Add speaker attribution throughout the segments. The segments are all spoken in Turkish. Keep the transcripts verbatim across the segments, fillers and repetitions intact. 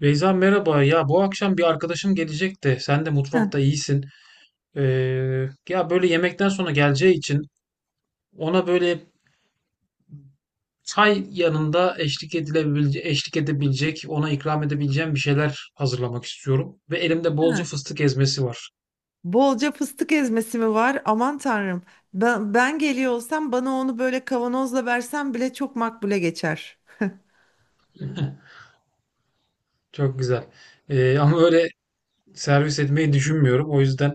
Speaker 1: Beyza merhaba. Ya bu akşam bir arkadaşım gelecek de sen de
Speaker 2: Heh,
Speaker 1: mutfakta iyisin. Ee, Ya böyle yemekten sonra geleceği için ona böyle çay yanında eşlik edilebilecek, eşlik edebilecek, ona ikram edebileceğim bir şeyler hazırlamak istiyorum. Ve elimde bolca
Speaker 2: heh.
Speaker 1: fıstık ezmesi var.
Speaker 2: Bolca fıstık ezmesi mi var? Aman tanrım. Ben, ben geliyor olsam bana onu böyle kavanozla versen bile çok makbule geçer.
Speaker 1: Çok güzel. Ee, ama öyle servis etmeyi düşünmüyorum. O yüzden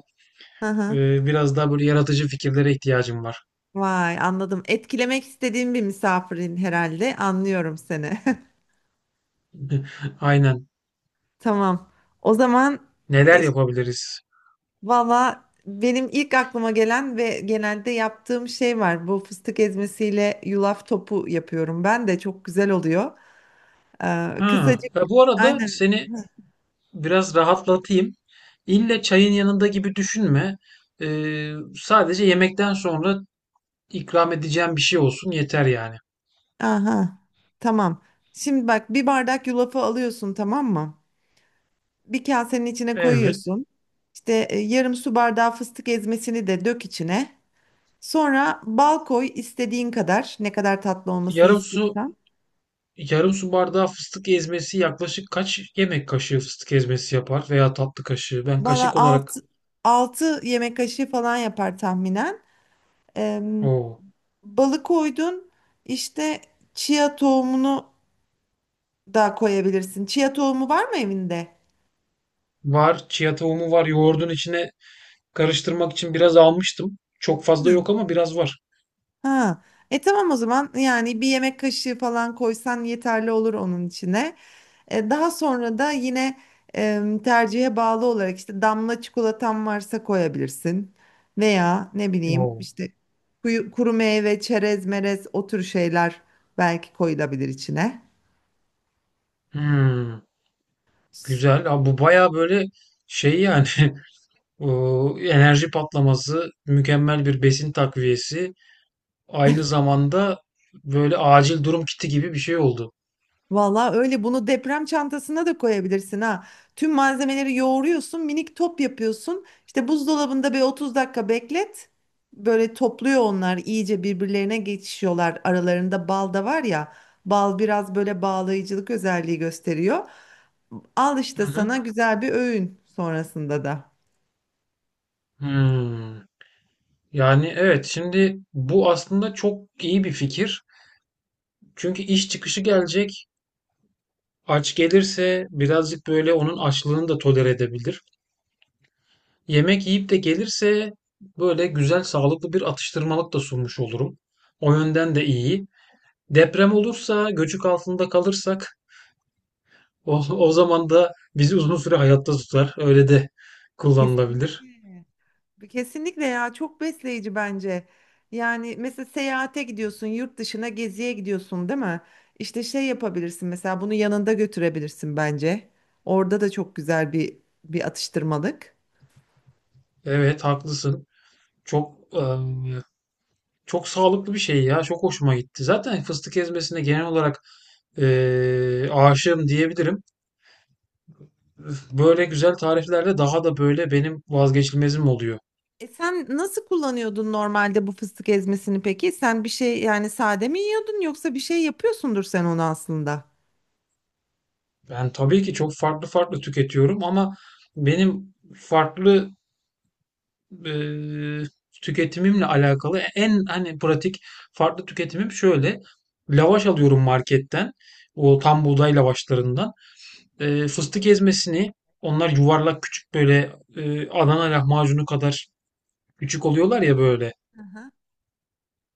Speaker 2: Hı hı.
Speaker 1: e, biraz daha böyle yaratıcı fikirlere ihtiyacım var.
Speaker 2: Vay anladım. Etkilemek istediğim bir misafirin herhalde. Anlıyorum seni.
Speaker 1: Aynen.
Speaker 2: Tamam. O zaman e,
Speaker 1: Neler yapabiliriz?
Speaker 2: valla benim ilk aklıma gelen ve genelde yaptığım şey var. Bu fıstık ezmesiyle yulaf topu yapıyorum. Ben de çok güzel oluyor. Ee,
Speaker 1: Ha,
Speaker 2: kısacık
Speaker 1: e, bu arada
Speaker 2: aynen.
Speaker 1: seni biraz rahatlatayım. İlle çayın yanında gibi düşünme. Ee, sadece yemekten sonra ikram edeceğim bir şey olsun yeter yani.
Speaker 2: Aha, tamam. Şimdi bak bir bardak yulafı alıyorsun, tamam mı? Bir kasenin içine
Speaker 1: Evet.
Speaker 2: koyuyorsun. İşte e, yarım su bardağı fıstık ezmesini de dök içine. Sonra bal koy istediğin kadar. Ne kadar tatlı olmasını
Speaker 1: Yarım su
Speaker 2: istiyorsan.
Speaker 1: Yarım su bardağı fıstık ezmesi yaklaşık kaç yemek kaşığı fıstık ezmesi yapar veya tatlı kaşığı. Ben
Speaker 2: Valla
Speaker 1: kaşık olarak
Speaker 2: 6, altı yemek kaşığı falan yapar tahminen. Ee,
Speaker 1: o
Speaker 2: balı koydun. İşte chia tohumunu da koyabilirsin. Chia tohumu var mı evinde?
Speaker 1: var. Chia tohumu var. Yoğurdun içine karıştırmak için biraz almıştım. Çok fazla
Speaker 2: Hı.
Speaker 1: yok ama biraz var.
Speaker 2: Ha. E tamam o zaman, yani bir yemek kaşığı falan koysan yeterli olur onun içine. E, daha sonra da yine e, tercihe bağlı olarak işte damla çikolatan varsa koyabilirsin. Veya ne bileyim
Speaker 1: Oo.
Speaker 2: işte kuyu- kuru meyve, çerez, merez o tür şeyler belki koyulabilir içine.
Speaker 1: Hmm, güzel. Abi bu baya böyle şey yani. O enerji patlaması, mükemmel bir besin takviyesi, aynı zamanda böyle acil durum kiti gibi bir şey oldu.
Speaker 2: Valla öyle, bunu deprem çantasına da koyabilirsin ha. Tüm malzemeleri yoğuruyorsun, minik top yapıyorsun. İşte buzdolabında bir otuz dakika beklet. Böyle topluyor onlar, iyice birbirlerine geçişiyorlar. Aralarında bal da var ya. Bal biraz böyle bağlayıcılık özelliği gösteriyor. Al
Speaker 1: Hı
Speaker 2: işte
Speaker 1: hı.
Speaker 2: sana güzel bir öğün sonrasında da.
Speaker 1: Hmm. Yani evet, şimdi bu aslında çok iyi bir fikir. Çünkü iş çıkışı gelecek. Aç gelirse birazcık böyle onun açlığını da tolere edebilir. Yemek yiyip de gelirse böyle güzel sağlıklı bir atıştırmalık da sunmuş olurum. O yönden de iyi. Deprem olursa, göçük altında kalırsak o, o zaman da bizi uzun süre hayatta tutar. Öyle de kullanılabilir.
Speaker 2: Kesinlikle. Kesinlikle ya, çok besleyici bence. Yani mesela seyahate gidiyorsun, yurt dışına geziye gidiyorsun, değil mi? İşte şey yapabilirsin, mesela bunu yanında götürebilirsin bence. Orada da çok güzel bir bir atıştırmalık.
Speaker 1: Evet, haklısın. Çok eee, çok sağlıklı bir şey ya. Çok hoşuma gitti. Zaten fıstık ezmesine genel olarak eee aşığım diyebilirim. Böyle güzel tariflerde daha da böyle benim vazgeçilmezim oluyor.
Speaker 2: E sen nasıl kullanıyordun normalde bu fıstık ezmesini peki? Sen bir şey, yani sade mi yiyordun yoksa bir şey yapıyorsundur sen onu aslında.
Speaker 1: Ben tabii ki çok farklı farklı tüketiyorum ama benim farklı e, tüketimimle alakalı en hani pratik farklı tüketimim şöyle. Lavaş alıyorum marketten. O tam buğday lavaşlarından. E, fıstık ezmesini onlar yuvarlak küçük böyle e, Adana lahmacunu kadar küçük oluyorlar ya böyle.
Speaker 2: Hı hı,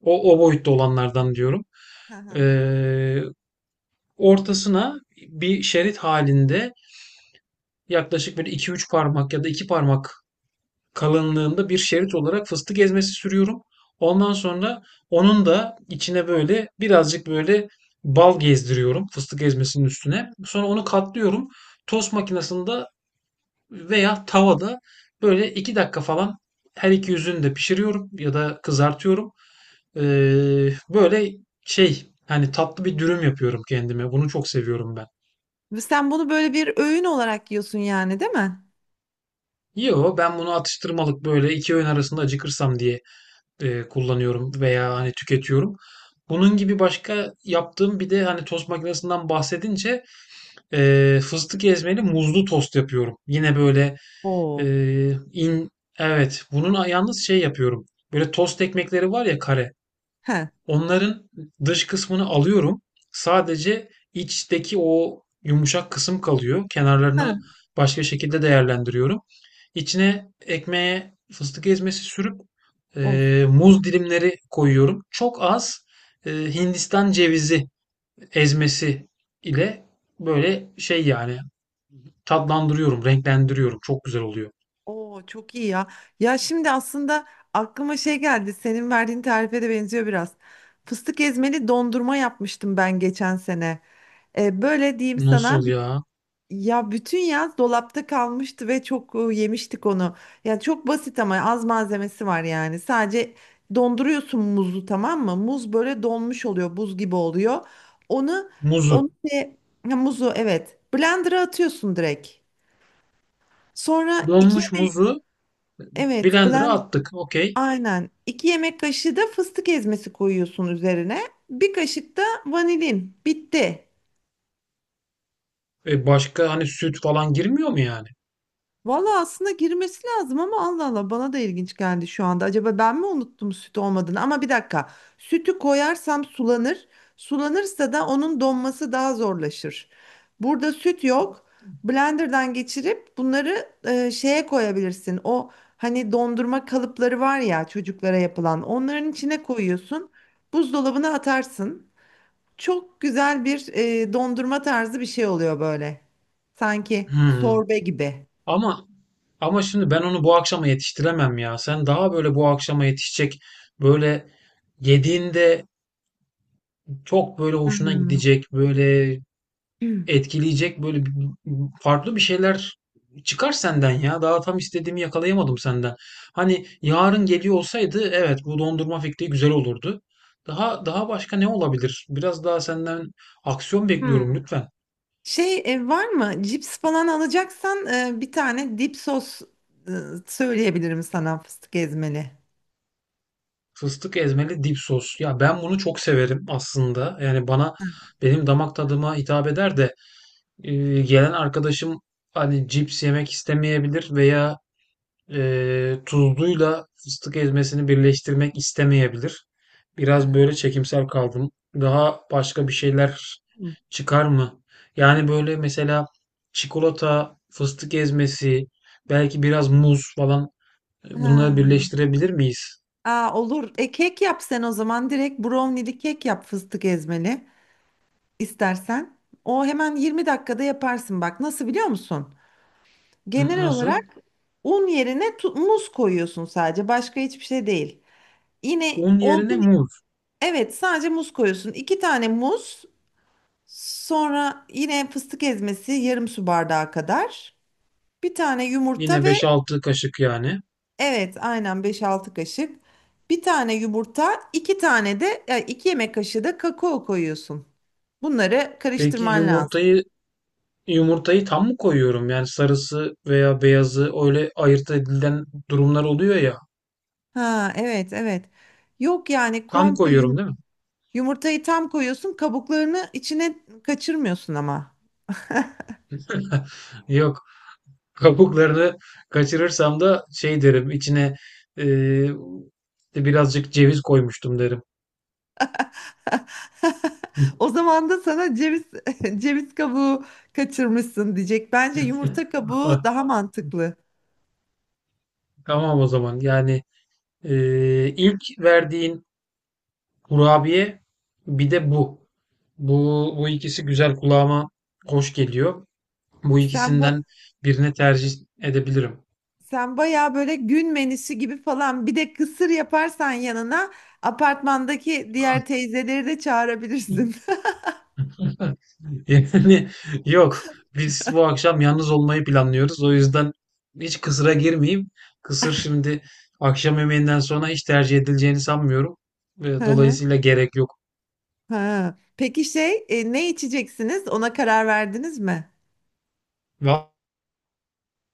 Speaker 1: O, o boyutta olanlardan diyorum.
Speaker 2: hı
Speaker 1: E,
Speaker 2: hı.
Speaker 1: Ortasına bir şerit halinde yaklaşık böyle iki üç parmak ya da iki parmak kalınlığında bir şerit olarak fıstık ezmesi sürüyorum. Ondan sonra onun da içine böyle birazcık böyle bal gezdiriyorum fıstık ezmesinin üstüne. Sonra onu katlıyorum. Tost makinesinde veya tavada böyle iki dakika falan her iki yüzünü de pişiriyorum ya da kızartıyorum. Ee, böyle şey hani tatlı bir dürüm yapıyorum kendime. Bunu çok seviyorum ben.
Speaker 2: Ve sen bunu böyle bir öğün olarak yiyorsun yani, değil mi?
Speaker 1: Yo, ben bunu atıştırmalık böyle iki öğün arasında acıkırsam diye eee, kullanıyorum veya hani tüketiyorum. Bunun gibi başka yaptığım bir de hani tost makinesinden bahsedince eee, fıstık ezmeli muzlu tost yapıyorum. Yine böyle
Speaker 2: Oo.
Speaker 1: eee, in evet bunun yalnız şey yapıyorum. Böyle tost ekmekleri var ya kare.
Speaker 2: He.
Speaker 1: Onların dış kısmını alıyorum. Sadece içteki o yumuşak kısım kalıyor.
Speaker 2: He.
Speaker 1: Kenarlarını başka şekilde değerlendiriyorum. İçine ekmeğe fıstık ezmesi sürüp
Speaker 2: Of.
Speaker 1: e, muz dilimleri koyuyorum. Çok az e, Hindistan cevizi ezmesi ile böyle şey yani tatlandırıyorum, renklendiriyorum. Çok güzel oluyor.
Speaker 2: Oo çok iyi ya. Ya şimdi aslında aklıma şey geldi. Senin verdiğin tarife de benziyor biraz. Fıstık ezmeli dondurma yapmıştım ben geçen sene. E, böyle diyeyim sana.
Speaker 1: Nasıl
Speaker 2: bi-
Speaker 1: ya?
Speaker 2: Ya bütün yaz dolapta kalmıştı ve çok e, yemiştik onu. Ya çok basit ama az malzemesi var yani. Sadece donduruyorsun muzu, tamam mı? Muz böyle donmuş oluyor, buz gibi oluyor. Onu
Speaker 1: Muzu.
Speaker 2: onu şey- ha, muzu evet. Blender'a atıyorsun direkt. Sonra iki
Speaker 1: Donmuş muzu
Speaker 2: evet,
Speaker 1: blender'a attık. Okey.
Speaker 2: aynen. iki yemek kaşığı da fıstık ezmesi koyuyorsun üzerine. Bir kaşık da vanilin. Bitti.
Speaker 1: E başka hani süt falan girmiyor mu yani?
Speaker 2: Valla aslında girmesi lazım ama Allah Allah, bana da ilginç geldi şu anda. Acaba ben mi unuttum süt olmadığını? Ama bir dakika. Sütü koyarsam sulanır. Sulanırsa da onun donması daha zorlaşır. Burada süt yok. Blenderdan geçirip bunları e, şeye koyabilirsin. O hani dondurma kalıpları var ya, çocuklara yapılan. Onların içine koyuyorsun. Buzdolabına atarsın. Çok güzel bir e, dondurma tarzı bir şey oluyor böyle. Sanki
Speaker 1: Hmm.
Speaker 2: sorbe gibi.
Speaker 1: Ama ama şimdi ben onu bu akşama yetiştiremem ya. Sen daha böyle bu akşama yetişecek böyle yediğinde çok böyle hoşuna gidecek, böyle etkileyecek böyle bir- farklı bir şeyler çıkar senden ya. Daha tam istediğimi yakalayamadım senden. Hani yarın geliyor olsaydı evet bu dondurma fikri güzel olurdu. Daha daha başka ne olabilir? Biraz daha senden aksiyon bekliyorum
Speaker 2: Hmm.
Speaker 1: lütfen.
Speaker 2: Şey e, var mı? Cips falan alacaksan e, bir tane dip sos e, söyleyebilirim sana, fıstık ezmeli.
Speaker 1: Fıstık ezmeli dip sos. Ya ben bunu çok severim aslında. Yani bana benim damak tadıma hitap eder de e, gelen arkadaşım hani cips yemek istemeyebilir veya e, tuzluyla fıstık ezmesini birleştirmek istemeyebilir.
Speaker 2: Hı
Speaker 1: Biraz
Speaker 2: hı.
Speaker 1: böyle çekimsel kaldım. Daha başka bir şeyler çıkar mı? Yani
Speaker 2: Hmm.
Speaker 1: böyle mesela çikolata, fıstık ezmesi, belki biraz muz falan e, bunları
Speaker 2: Ha.
Speaker 1: birleştirebilir miyiz?
Speaker 2: Aa, olur. E, kek yap sen o zaman. Direkt brownie'li kek yap, fıstık ezmeli istersen. O hemen yirmi dakikada yaparsın bak. Nasıl biliyor musun?
Speaker 1: N-
Speaker 2: Genel
Speaker 1: Nasıl?
Speaker 2: olarak un yerine tu- muz koyuyorsun sadece. Başka hiçbir şey değil. Yine
Speaker 1: Un yerine
Speaker 2: olgun,
Speaker 1: muz.
Speaker 2: evet sadece muz koyuyorsun. İki tane muz, sonra yine fıstık ezmesi yarım su bardağı kadar. Bir tane yumurta
Speaker 1: Yine beş
Speaker 2: ve
Speaker 1: altı kaşık yani.
Speaker 2: evet aynen beş altı kaşık. Bir tane yumurta, iki tane de e, iki yemek kaşığı da kakao koyuyorsun. Bunları
Speaker 1: Peki
Speaker 2: karıştırman lazım.
Speaker 1: yumurtayı yumurtayı tam mı koyuyorum? Yani sarısı veya beyazı öyle ayırt edilen durumlar oluyor ya.
Speaker 2: Ha evet, evet. Yok yani
Speaker 1: Tam
Speaker 2: komple yum-
Speaker 1: koyuyorum değil mi?
Speaker 2: yumurtayı tam koyuyorsun, kabuklarını içine kaçırmıyorsun ama.
Speaker 1: Yok. Kabuklarını kaçırırsam da şey derim içine eee, işte birazcık ceviz koymuştum derim.
Speaker 2: O zaman da sana ceviz ceviz kabuğu kaçırmışsın diyecek. Bence yumurta kabuğu
Speaker 1: Ah,
Speaker 2: daha mantıklı.
Speaker 1: tamam o zaman. Yani eee, ilk verdiğin kurabiye bir de bu. Bu, bu ikisi güzel kulağıma hoş geliyor. Bu
Speaker 2: Sen ba-
Speaker 1: ikisinden birini tercih edebilirim.
Speaker 2: sen bayağı böyle gün menüsü gibi falan, bir de kısır yaparsan yanına apartmandaki diğer teyzeleri de çağırabilirsin.
Speaker 1: Yani yok. Biz bu akşam yalnız olmayı planlıyoruz. O yüzden hiç kısıra girmeyeyim. Kısır şimdi akşam yemeğinden sonra hiç tercih edileceğini sanmıyorum.
Speaker 2: Hı
Speaker 1: Ve
Speaker 2: hı,
Speaker 1: dolayısıyla gerek yok.
Speaker 2: hı. Peki şey e, ne içeceksiniz? Ona karar verdiniz mi?
Speaker 1: Va-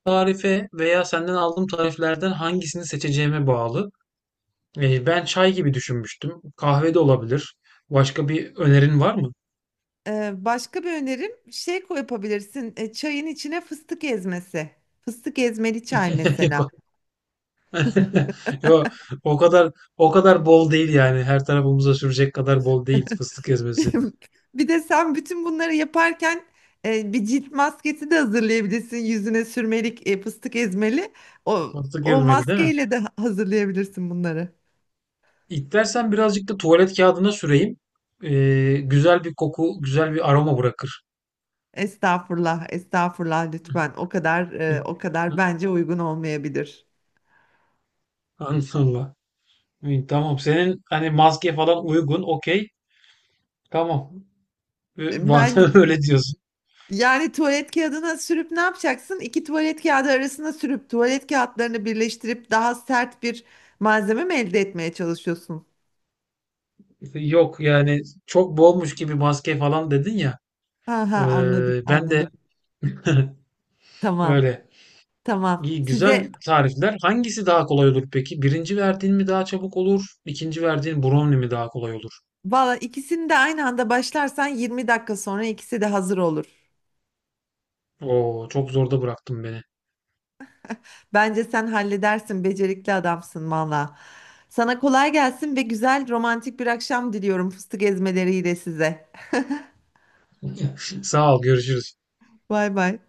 Speaker 1: Tarife veya senden aldığım tariflerden hangisini seçeceğime bağlı. Eee, ben çay gibi düşünmüştüm. Kahve de olabilir. Başka bir önerin var mı?
Speaker 2: Ee, başka bir önerim şey koy- yapabilirsin. E, çayın içine fıstık ezmesi. Fıstık ezmeli çay mesela.
Speaker 1: Yok. Yok. O kadar O kadar bol değil yani. Her tarafımıza sürecek kadar bol değil fıstık ezmesi.
Speaker 2: Bir de sen bütün bunları yaparken e, bir cilt maskesi de hazırlayabilirsin. Yüzüne sürmelik, e, fıstık ezmeli. O,
Speaker 1: Fıstık
Speaker 2: o
Speaker 1: ezmeli değil mi?
Speaker 2: maskeyle de ha- hazırlayabilirsin bunları.
Speaker 1: İstersen birazcık da tuvalet kağıdına süreyim. Eee, güzel bir koku, güzel bir aroma bırakır.
Speaker 2: Estağfurullah, estağfurullah, lütfen. O kadar e, o kadar bence uygun olmayabilir.
Speaker 1: Allah. Tamam. Senin hani maske falan uygun. Okey. Tamam.
Speaker 2: E,
Speaker 1: Ee,
Speaker 2: bence
Speaker 1: Öyle diyorsun.
Speaker 2: yani tuvalet kağıdına sürüp ne yapacaksın? İki tuvalet kağıdı arasına sürüp tuvalet kağıtlarını birleştirip daha sert bir malzeme mi elde etmeye çalışıyorsun?
Speaker 1: İşte, yok yani çok bolmuş gibi maske falan dedin ya.
Speaker 2: Ha ha, anladım,
Speaker 1: Ee, ben de
Speaker 2: anladım. Tamam.
Speaker 1: öyle.
Speaker 2: Tamam.
Speaker 1: İyi, güzel
Speaker 2: Size
Speaker 1: tarifler. Hangisi daha kolay olur peki? Birinci verdiğin mi daha çabuk olur? İkinci verdiğin brownie mi daha kolay olur?
Speaker 2: valla ikisini de aynı anda başlarsan yirmi dakika sonra ikisi de hazır olur.
Speaker 1: Oo, çok zorda bıraktın beni.
Speaker 2: Bence sen halledersin, becerikli adamsın valla. Sana kolay gelsin ve güzel romantik bir akşam diliyorum fıstık ezmeleriyle size.
Speaker 1: Sağ ol, görüşürüz.
Speaker 2: Bay bay.